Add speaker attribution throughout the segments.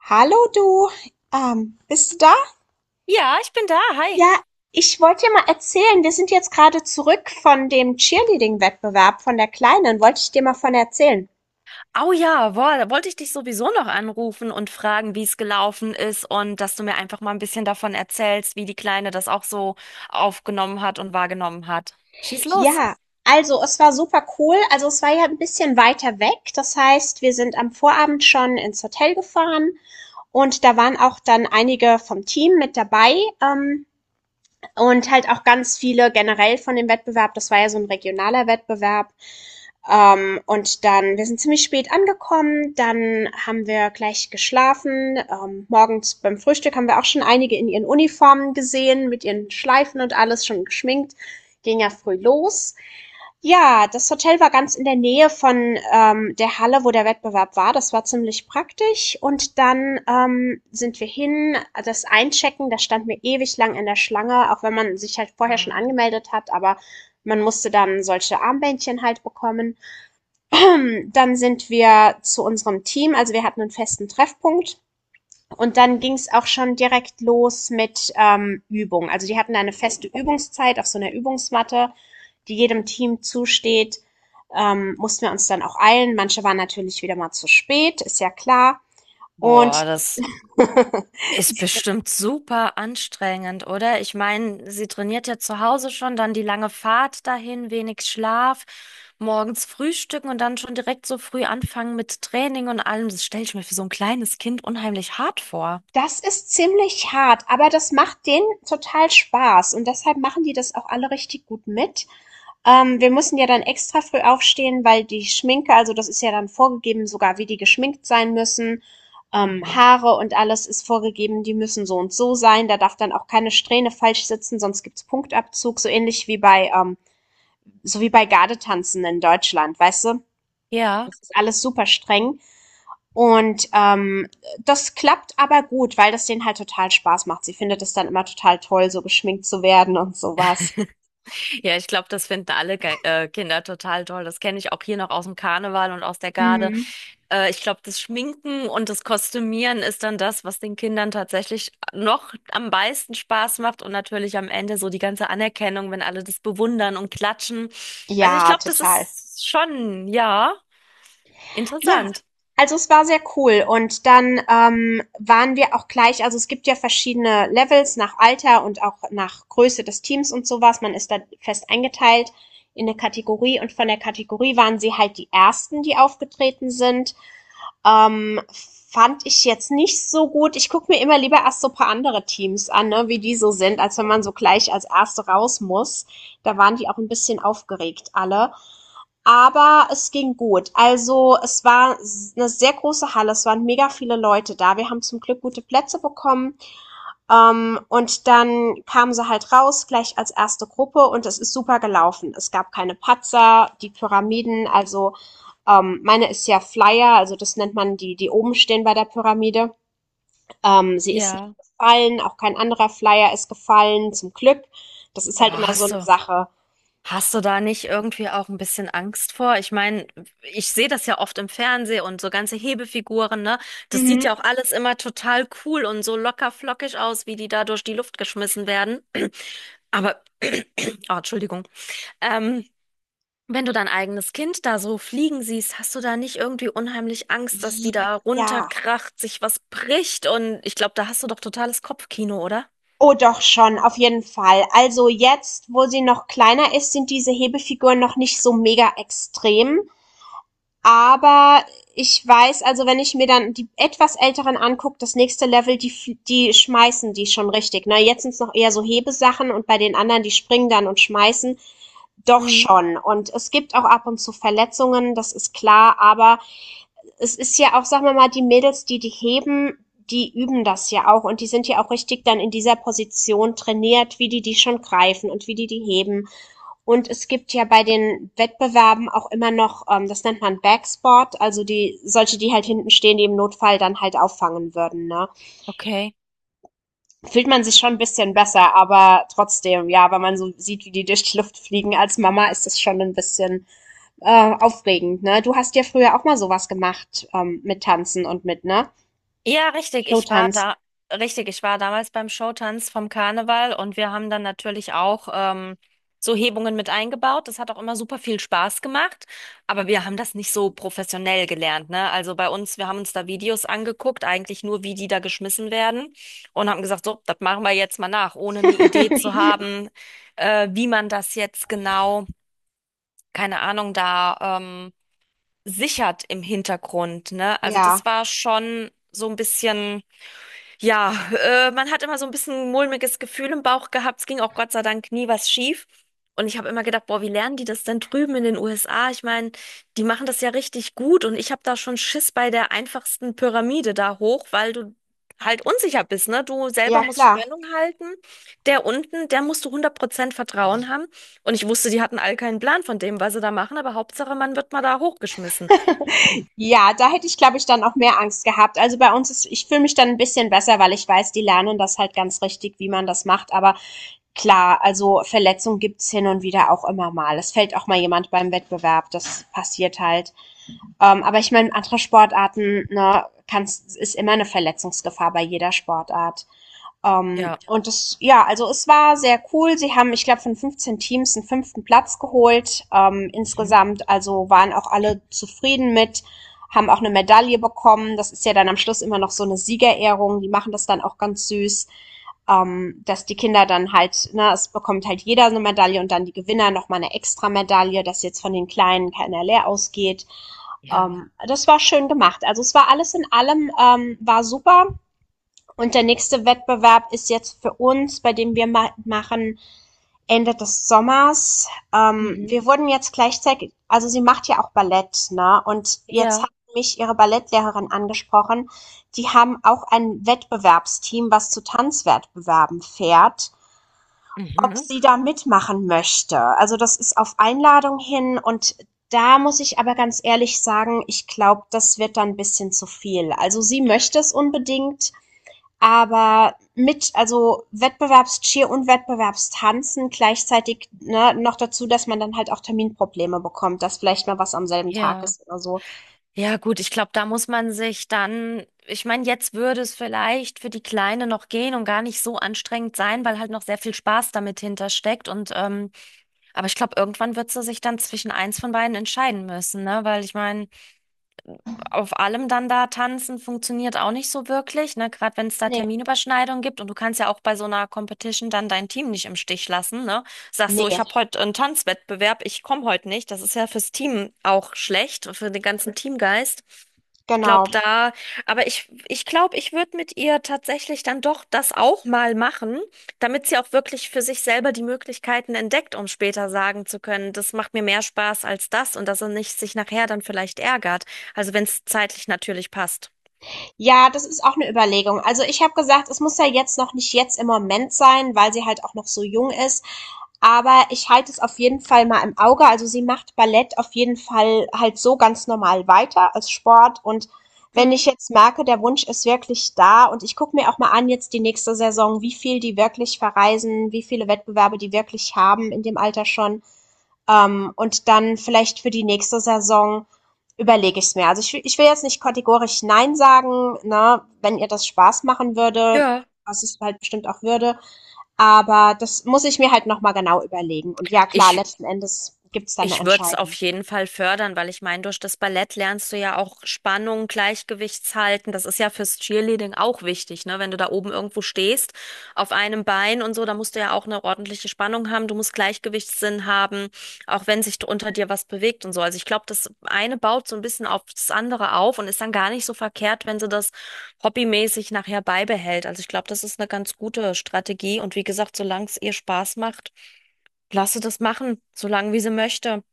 Speaker 1: Hallo du, bist du da?
Speaker 2: Ja, ich bin da. Hi.
Speaker 1: Ja, ich wollte dir mal erzählen, wir sind jetzt gerade zurück von dem Cheerleading-Wettbewerb von der Kleinen, wollte ich dir mal von erzählen.
Speaker 2: Oh ja, boah, da wollte ich dich sowieso noch anrufen und fragen, wie es gelaufen ist und dass du mir einfach mal ein bisschen davon erzählst, wie die Kleine das auch so aufgenommen hat und wahrgenommen hat. Schieß los.
Speaker 1: Ja, also es war super cool, also es war ja ein bisschen weiter weg, das heißt, wir sind am Vorabend schon ins Hotel gefahren und da waren auch dann einige vom Team mit dabei, ähm, und halt auch ganz viele generell von dem Wettbewerb, das war ja so ein regionaler Wettbewerb. Und dann wir sind ziemlich spät angekommen, dann haben wir gleich geschlafen. Morgens beim Frühstück haben wir auch schon einige in ihren Uniformen gesehen, mit ihren Schleifen und alles schon geschminkt. Ging ja früh los. Ja, das Hotel war ganz in der Nähe von der Halle, wo der Wettbewerb war. Das war ziemlich praktisch. Und dann sind wir hin, das Einchecken, da standen wir ewig lang in der Schlange, auch wenn man sich halt vorher schon
Speaker 2: Mhm.
Speaker 1: angemeldet hat, aber man musste dann solche Armbändchen halt bekommen. Dann sind wir zu unserem Team, also wir hatten einen festen Treffpunkt. Und dann ging es auch schon direkt los mit Übung. Also die hatten eine feste Übungszeit auf so einer Übungsmatte, die jedem Team zusteht. Mussten wir uns dann auch eilen. Manche waren natürlich wieder mal zu spät, ist ja klar. Und
Speaker 2: Boah, das ist bestimmt super anstrengend, oder? Ich meine, sie trainiert ja zu Hause schon, dann die lange Fahrt dahin, wenig Schlaf, morgens frühstücken und dann schon direkt so früh anfangen mit Training und allem. Das stelle ich mir für so ein kleines Kind unheimlich hart vor.
Speaker 1: das ist ziemlich hart, aber das macht denen total Spaß. Und deshalb machen die das auch alle richtig gut mit. Wir mussten ja dann extra früh aufstehen, weil die Schminke, also das ist ja dann vorgegeben, sogar wie die geschminkt sein müssen.
Speaker 2: Mhm.
Speaker 1: Haare und alles ist vorgegeben, die müssen so und so sein. Da darf dann auch keine Strähne falsch sitzen, sonst gibt's Punktabzug, so ähnlich wie bei, so wie bei Gardetanzen in Deutschland, weißt du?
Speaker 2: Ja,
Speaker 1: Das ist alles super streng. Und das klappt aber gut, weil das denen halt total Spaß macht. Sie findet es dann immer total toll, so geschminkt zu werden und sowas.
Speaker 2: ja, ich glaube, das finden alle Ge Kinder total toll. Das kenne ich auch hier noch aus dem Karneval und aus der Garde.
Speaker 1: Mhm.
Speaker 2: Ich glaube, das Schminken und das Kostümieren ist dann das, was den Kindern tatsächlich noch am meisten Spaß macht und natürlich am Ende so die ganze Anerkennung, wenn alle das bewundern und klatschen. Also ich
Speaker 1: Ja,
Speaker 2: glaube, das
Speaker 1: total.
Speaker 2: ist schon, ja,
Speaker 1: Ja,
Speaker 2: interessant.
Speaker 1: also es war sehr cool und dann, waren wir auch gleich, also es gibt ja verschiedene Levels nach Alter und auch nach Größe des Teams und sowas. Man ist da fest eingeteilt in eine Kategorie und von der Kategorie waren sie halt die Ersten, die aufgetreten sind. Ähm, Fand ich jetzt nicht so gut. Ich gucke mir immer lieber erst so ein paar andere Teams an, ne, wie die so sind, als wenn man so gleich als Erste raus muss. Da waren die auch ein bisschen aufgeregt alle. Aber es ging gut. Also es war eine sehr große Halle, es waren mega viele Leute da. Wir haben zum Glück gute Plätze bekommen. Und dann kamen sie halt raus, gleich als erste Gruppe und es ist super gelaufen. Es gab keine Patzer, die Pyramiden, also meine ist ja Flyer, also das nennt man die, die oben stehen bei der Pyramide. Sie ist nicht
Speaker 2: Ja.
Speaker 1: gefallen, auch kein anderer Flyer ist gefallen, zum Glück. Das ist
Speaker 2: Oh,
Speaker 1: halt immer so
Speaker 2: hast
Speaker 1: eine
Speaker 2: du.
Speaker 1: Sache.
Speaker 2: Hast du da nicht irgendwie auch ein bisschen Angst vor? Ich meine, ich sehe das ja oft im Fernsehen und so ganze Hebefiguren, ne? Das sieht
Speaker 1: Mhm.
Speaker 2: ja auch alles immer total cool und so locker flockig aus, wie die da durch die Luft geschmissen werden. Aber, oh, Entschuldigung. Ähm, Wenn du dein eigenes Kind da so fliegen siehst, hast du da nicht irgendwie unheimlich Angst, dass die da
Speaker 1: Ja,
Speaker 2: runterkracht, sich was bricht? Und ich glaube, da hast du doch totales Kopfkino, oder?
Speaker 1: oh doch schon, auf jeden Fall. Also jetzt, wo sie noch kleiner ist, sind diese Hebefiguren noch nicht so mega extrem. Aber ich weiß, also wenn ich mir dann die etwas älteren angucke, das nächste Level, die, die schmeißen die schon richtig. Na, jetzt sind es noch eher so Hebesachen und bei den anderen, die springen dann und schmeißen. Doch
Speaker 2: Mhm.
Speaker 1: schon. Und es gibt auch ab und zu Verletzungen, das ist klar, aber es ist ja auch, sagen wir mal, die Mädels, die die heben, die üben das ja auch und die sind ja auch richtig dann in dieser Position trainiert, wie die die schon greifen und wie die die heben. Und es gibt ja bei den Wettbewerben auch immer noch, das nennt man Backsport, also die solche, die halt hinten stehen, die im Notfall dann halt auffangen würden. Ne?
Speaker 2: Okay.
Speaker 1: Fühlt man sich schon ein bisschen besser, aber trotzdem, ja, wenn man so sieht, wie die durch die Luft fliegen als Mama, ist das schon ein bisschen aufregend. Ne? Du hast ja früher auch mal sowas gemacht, mit Tanzen und mit, ne?
Speaker 2: Ja, richtig.
Speaker 1: Showtanz.
Speaker 2: Richtig. Ich war damals beim Showtanz vom Karneval und wir haben dann natürlich auch so Hebungen mit eingebaut. Das hat auch immer super viel Spaß gemacht, aber wir haben das nicht so professionell gelernt, ne? Also bei uns, wir haben uns da Videos angeguckt, eigentlich nur, wie die da geschmissen werden und haben gesagt, so, das machen wir jetzt mal nach, ohne eine Idee zu haben, wie man das jetzt genau, keine Ahnung, da sichert im Hintergrund, ne? Also
Speaker 1: Ja,
Speaker 2: das war schon so ein bisschen ja, man hat immer so ein bisschen mulmiges Gefühl im Bauch gehabt. Es ging auch Gott sei Dank nie was schief. Und ich habe immer gedacht, boah, wie lernen die das denn drüben in den USA? Ich meine, die machen das ja richtig gut und ich habe da schon Schiss bei der einfachsten Pyramide da hoch, weil du halt unsicher bist, ne? Du selber
Speaker 1: ja
Speaker 2: musst
Speaker 1: klar.
Speaker 2: Spannung halten. Der unten, der musst du hundert Prozent Vertrauen haben. Und ich wusste, die hatten all keinen Plan von dem, was sie da machen, aber Hauptsache, man wird mal da hochgeschmissen.
Speaker 1: Ja, da hätte ich, glaube ich, dann auch mehr Angst gehabt. Also bei uns ist, ich fühle mich dann ein bisschen besser, weil ich weiß, die lernen das halt ganz richtig, wie man das macht. Aber klar, also Verletzungen gibt's hin und wieder auch immer mal. Es fällt auch mal jemand beim Wettbewerb, das passiert halt. Aber ich meine, andere Sportarten, ne, kann's, ist immer eine Verletzungsgefahr bei jeder Sportart.
Speaker 2: Ja.
Speaker 1: Und das, ja, also es war sehr cool. Sie haben, ich glaube, von 15 Teams einen fünften Platz geholt.
Speaker 2: Mhm.
Speaker 1: Insgesamt, also waren auch alle zufrieden mit, haben auch eine Medaille bekommen. Das ist ja dann am Schluss immer noch so eine Siegerehrung. Die machen das dann auch ganz süß, dass die Kinder dann halt, ne, es bekommt halt jeder so eine Medaille und dann die Gewinner nochmal eine extra Medaille, dass jetzt von den Kleinen keiner leer ausgeht.
Speaker 2: Ja.
Speaker 1: Das war schön gemacht. Also es war alles in allem, war super, und der nächste Wettbewerb ist jetzt für uns, bei dem wir ma machen Ende des Sommers.
Speaker 2: Mhm.
Speaker 1: Wir wurden jetzt gleichzeitig, also sie macht ja auch Ballett, ne? Und jetzt hat
Speaker 2: Ja.
Speaker 1: mich ihre Ballettlehrerin angesprochen. Die haben auch ein Wettbewerbsteam, was zu Tanzwettbewerben fährt, ob
Speaker 2: Mhm.
Speaker 1: sie da mitmachen möchte. Also das ist auf Einladung hin und da muss ich aber ganz ehrlich sagen, ich glaube, das wird dann ein bisschen zu viel. Also sie möchte es unbedingt, aber mit, also Wettbewerbscheer und Wettbewerbstanzen gleichzeitig, ne, noch dazu, dass man dann halt auch Terminprobleme bekommt, dass vielleicht mal was am selben Tag
Speaker 2: Ja.
Speaker 1: ist oder so.
Speaker 2: Ja, gut, ich glaube, da muss man sich dann, ich meine, jetzt würde es vielleicht für die Kleine noch gehen und gar nicht so anstrengend sein, weil halt noch sehr viel Spaß damit hintersteckt. Und aber ich glaube, irgendwann wird sie sich dann zwischen eins von beiden entscheiden müssen, ne? Weil ich meine, auf allem dann da tanzen funktioniert auch nicht so wirklich, ne? Gerade wenn es da
Speaker 1: Nee.
Speaker 2: Terminüberschneidungen gibt und du kannst ja auch bei so einer Competition dann dein Team nicht im Stich lassen, ne? Sagst so, ich
Speaker 1: Nee,
Speaker 2: habe heute einen Tanzwettbewerb, ich komme heute nicht. Das ist ja fürs Team auch schlecht, für den ganzen Teamgeist
Speaker 1: genau.
Speaker 2: glaub da, aber ich glaube, ich würde mit ihr tatsächlich dann doch das auch mal machen, damit sie auch wirklich für sich selber die Möglichkeiten entdeckt, um später sagen zu können, das macht mir mehr Spaß als das und dass er nicht sich nachher dann vielleicht ärgert. Also wenn es zeitlich natürlich passt.
Speaker 1: Ja, das ist auch eine Überlegung. Also ich habe gesagt, es muss ja jetzt noch nicht jetzt im Moment sein, weil sie halt auch noch so jung ist. Aber ich halte es auf jeden Fall mal im Auge. Also sie macht Ballett auf jeden Fall halt so ganz normal weiter als Sport. Und wenn
Speaker 2: Hm.
Speaker 1: ich jetzt merke, der Wunsch ist wirklich da, und ich gucke mir auch mal an jetzt die nächste Saison, wie viel die wirklich verreisen, wie viele Wettbewerbe die wirklich haben in dem Alter schon. Und dann vielleicht für die nächste Saison überlege ich es mir. Also ich will jetzt nicht kategorisch Nein sagen, ne, wenn ihr das Spaß machen würde,
Speaker 2: Ja,
Speaker 1: was es halt bestimmt auch würde. Aber das muss ich mir halt nochmal genau überlegen. Und ja, klar,
Speaker 2: ich
Speaker 1: letzten Endes gibt's dann eine
Speaker 2: Ich würde es auf
Speaker 1: Entscheidung.
Speaker 2: jeden Fall fördern, weil ich meine, durch das Ballett lernst du ja auch Spannung, Gleichgewichtshalten. Das ist ja fürs Cheerleading auch wichtig, ne? Wenn du da oben irgendwo stehst, auf einem Bein und so, da musst du ja auch eine ordentliche Spannung haben. Du musst Gleichgewichtssinn haben, auch wenn sich unter dir was bewegt und so. Also ich glaube, das eine baut so ein bisschen auf das andere auf und ist dann gar nicht so verkehrt, wenn sie das hobbymäßig nachher beibehält. Also ich glaube, das ist eine ganz gute Strategie. Und wie gesagt, solange es ihr Spaß macht, lasse das machen, solange wie sie möchte.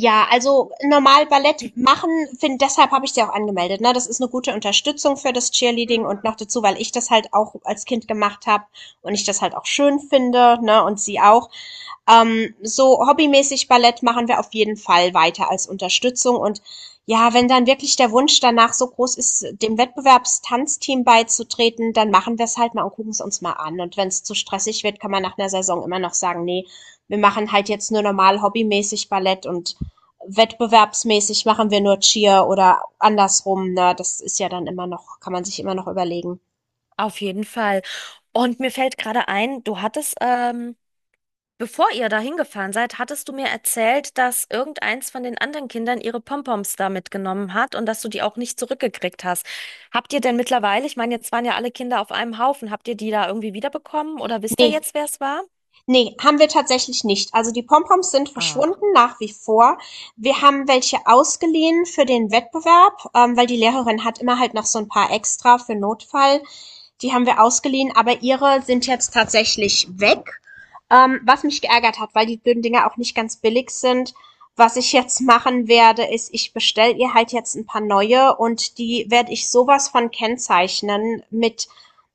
Speaker 1: Ja, also normal Ballett machen, find, deshalb habe ich sie auch angemeldet. Ne? Das ist eine gute Unterstützung für das Cheerleading
Speaker 2: Mhm.
Speaker 1: und noch dazu, weil ich das halt auch als Kind gemacht habe und ich das halt auch schön finde, ne? Und sie auch. So hobbymäßig Ballett machen wir auf jeden Fall weiter als Unterstützung. Und ja, wenn dann wirklich der Wunsch danach so groß ist, dem Wettbewerbstanzteam beizutreten, dann machen wir es halt mal und gucken es uns mal an. Und wenn es zu stressig wird, kann man nach einer Saison immer noch sagen, nee, wir machen halt jetzt nur normal hobbymäßig Ballett und wettbewerbsmäßig machen wir nur Cheer oder andersrum. Ne? Das ist ja dann immer noch, kann man sich immer noch überlegen.
Speaker 2: Auf jeden Fall. Und mir fällt gerade ein, du hattest, bevor ihr da hingefahren seid, hattest du mir erzählt, dass irgendeins von den anderen Kindern ihre Pompoms da mitgenommen hat und dass du die auch nicht zurückgekriegt hast. Habt ihr denn mittlerweile, ich meine, jetzt waren ja alle Kinder auf einem Haufen, habt ihr die da irgendwie wiederbekommen oder wisst ihr
Speaker 1: Nee,
Speaker 2: jetzt, wer es war?
Speaker 1: ne, haben wir tatsächlich nicht. Also die Pompoms sind
Speaker 2: Ach,
Speaker 1: verschwunden nach wie vor. Wir haben welche ausgeliehen für den Wettbewerb, weil die Lehrerin hat immer halt noch so ein paar extra für Notfall. Die haben wir ausgeliehen, aber ihre sind jetzt tatsächlich weg. Was mich geärgert hat, weil die blöden Dinger auch nicht ganz billig sind. Was ich jetzt machen werde, ist, ich bestelle ihr halt jetzt ein paar neue und die werde ich sowas von kennzeichnen mit.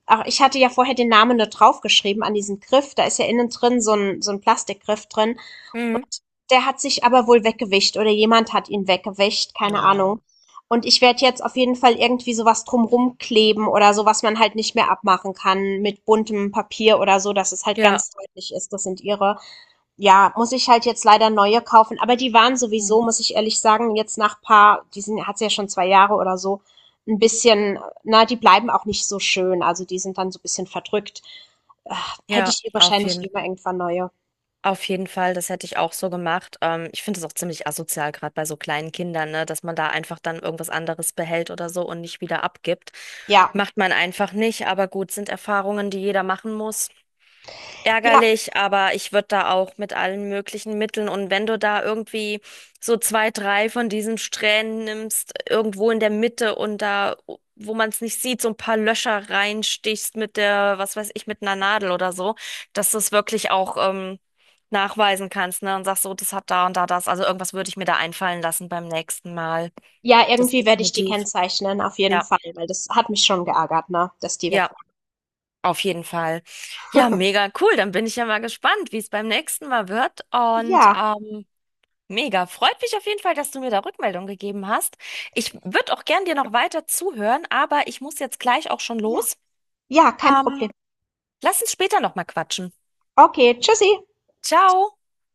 Speaker 1: Ach, ich hatte ja vorher den Namen nur draufgeschrieben an diesen Griff. Da ist ja innen drin so ein Plastikgriff drin.
Speaker 2: Mhm.
Speaker 1: Und der hat sich aber wohl weggewischt oder jemand hat ihn weggewischt, keine
Speaker 2: Ja.
Speaker 1: Ahnung. Und ich werde jetzt auf jeden Fall irgendwie sowas drumrum kleben oder so, was man halt nicht mehr abmachen kann, mit buntem Papier oder so, dass es halt
Speaker 2: Ja,
Speaker 1: ganz deutlich ist, das sind ihre. Ja, muss ich halt jetzt leider neue kaufen. Aber die waren
Speaker 2: Mhm.
Speaker 1: sowieso, muss ich ehrlich sagen, jetzt nach paar, die sind, hat's ja schon 2 Jahre oder so, ein bisschen, na, die bleiben auch nicht so schön. Also die sind dann so ein bisschen verdrückt. Äh, Hätte
Speaker 2: Ja,
Speaker 1: ich hier
Speaker 2: auf
Speaker 1: wahrscheinlich
Speaker 2: jeden
Speaker 1: immer irgendwann neue.
Speaker 2: Auf jeden Fall, das hätte ich auch so gemacht. Ich finde es auch ziemlich asozial, gerade bei so kleinen Kindern, ne, dass man da einfach dann irgendwas anderes behält oder so und nicht wieder abgibt.
Speaker 1: Ja,
Speaker 2: Macht man einfach nicht, aber gut, sind Erfahrungen, die jeder machen muss,
Speaker 1: ja,
Speaker 2: ärgerlich, aber ich würde da auch mit allen möglichen Mitteln, und wenn du da irgendwie so zwei, drei von diesen Strähnen nimmst, irgendwo in der Mitte und da, wo man es nicht sieht, so ein paar Löcher reinstichst mit der, was weiß ich, mit einer Nadel oder so, dass du es wirklich auch nachweisen kannst, ne? Und sagst so, das hat da und da das. Also irgendwas würde ich mir da einfallen lassen beim nächsten Mal.
Speaker 1: ja,
Speaker 2: Das
Speaker 1: irgendwie werde ich die
Speaker 2: definitiv.
Speaker 1: kennzeichnen, auf jeden
Speaker 2: Ja,
Speaker 1: Fall, weil das hat mich schon geärgert, ne, dass die weg
Speaker 2: ja.
Speaker 1: waren.
Speaker 2: Auf jeden Fall. Ja, mega cool. Dann bin ich ja mal gespannt, wie es beim nächsten Mal wird. Und
Speaker 1: Ja,
Speaker 2: mega. Freut mich auf jeden Fall, dass du mir da Rückmeldung gegeben hast. Ich würde auch gern dir noch weiter zuhören, aber ich muss jetzt gleich auch schon
Speaker 1: ja,
Speaker 2: los.
Speaker 1: ja, kein
Speaker 2: Ähm,
Speaker 1: Problem.
Speaker 2: Lass uns später nochmal quatschen.
Speaker 1: Okay, tschüssi.
Speaker 2: Ciao.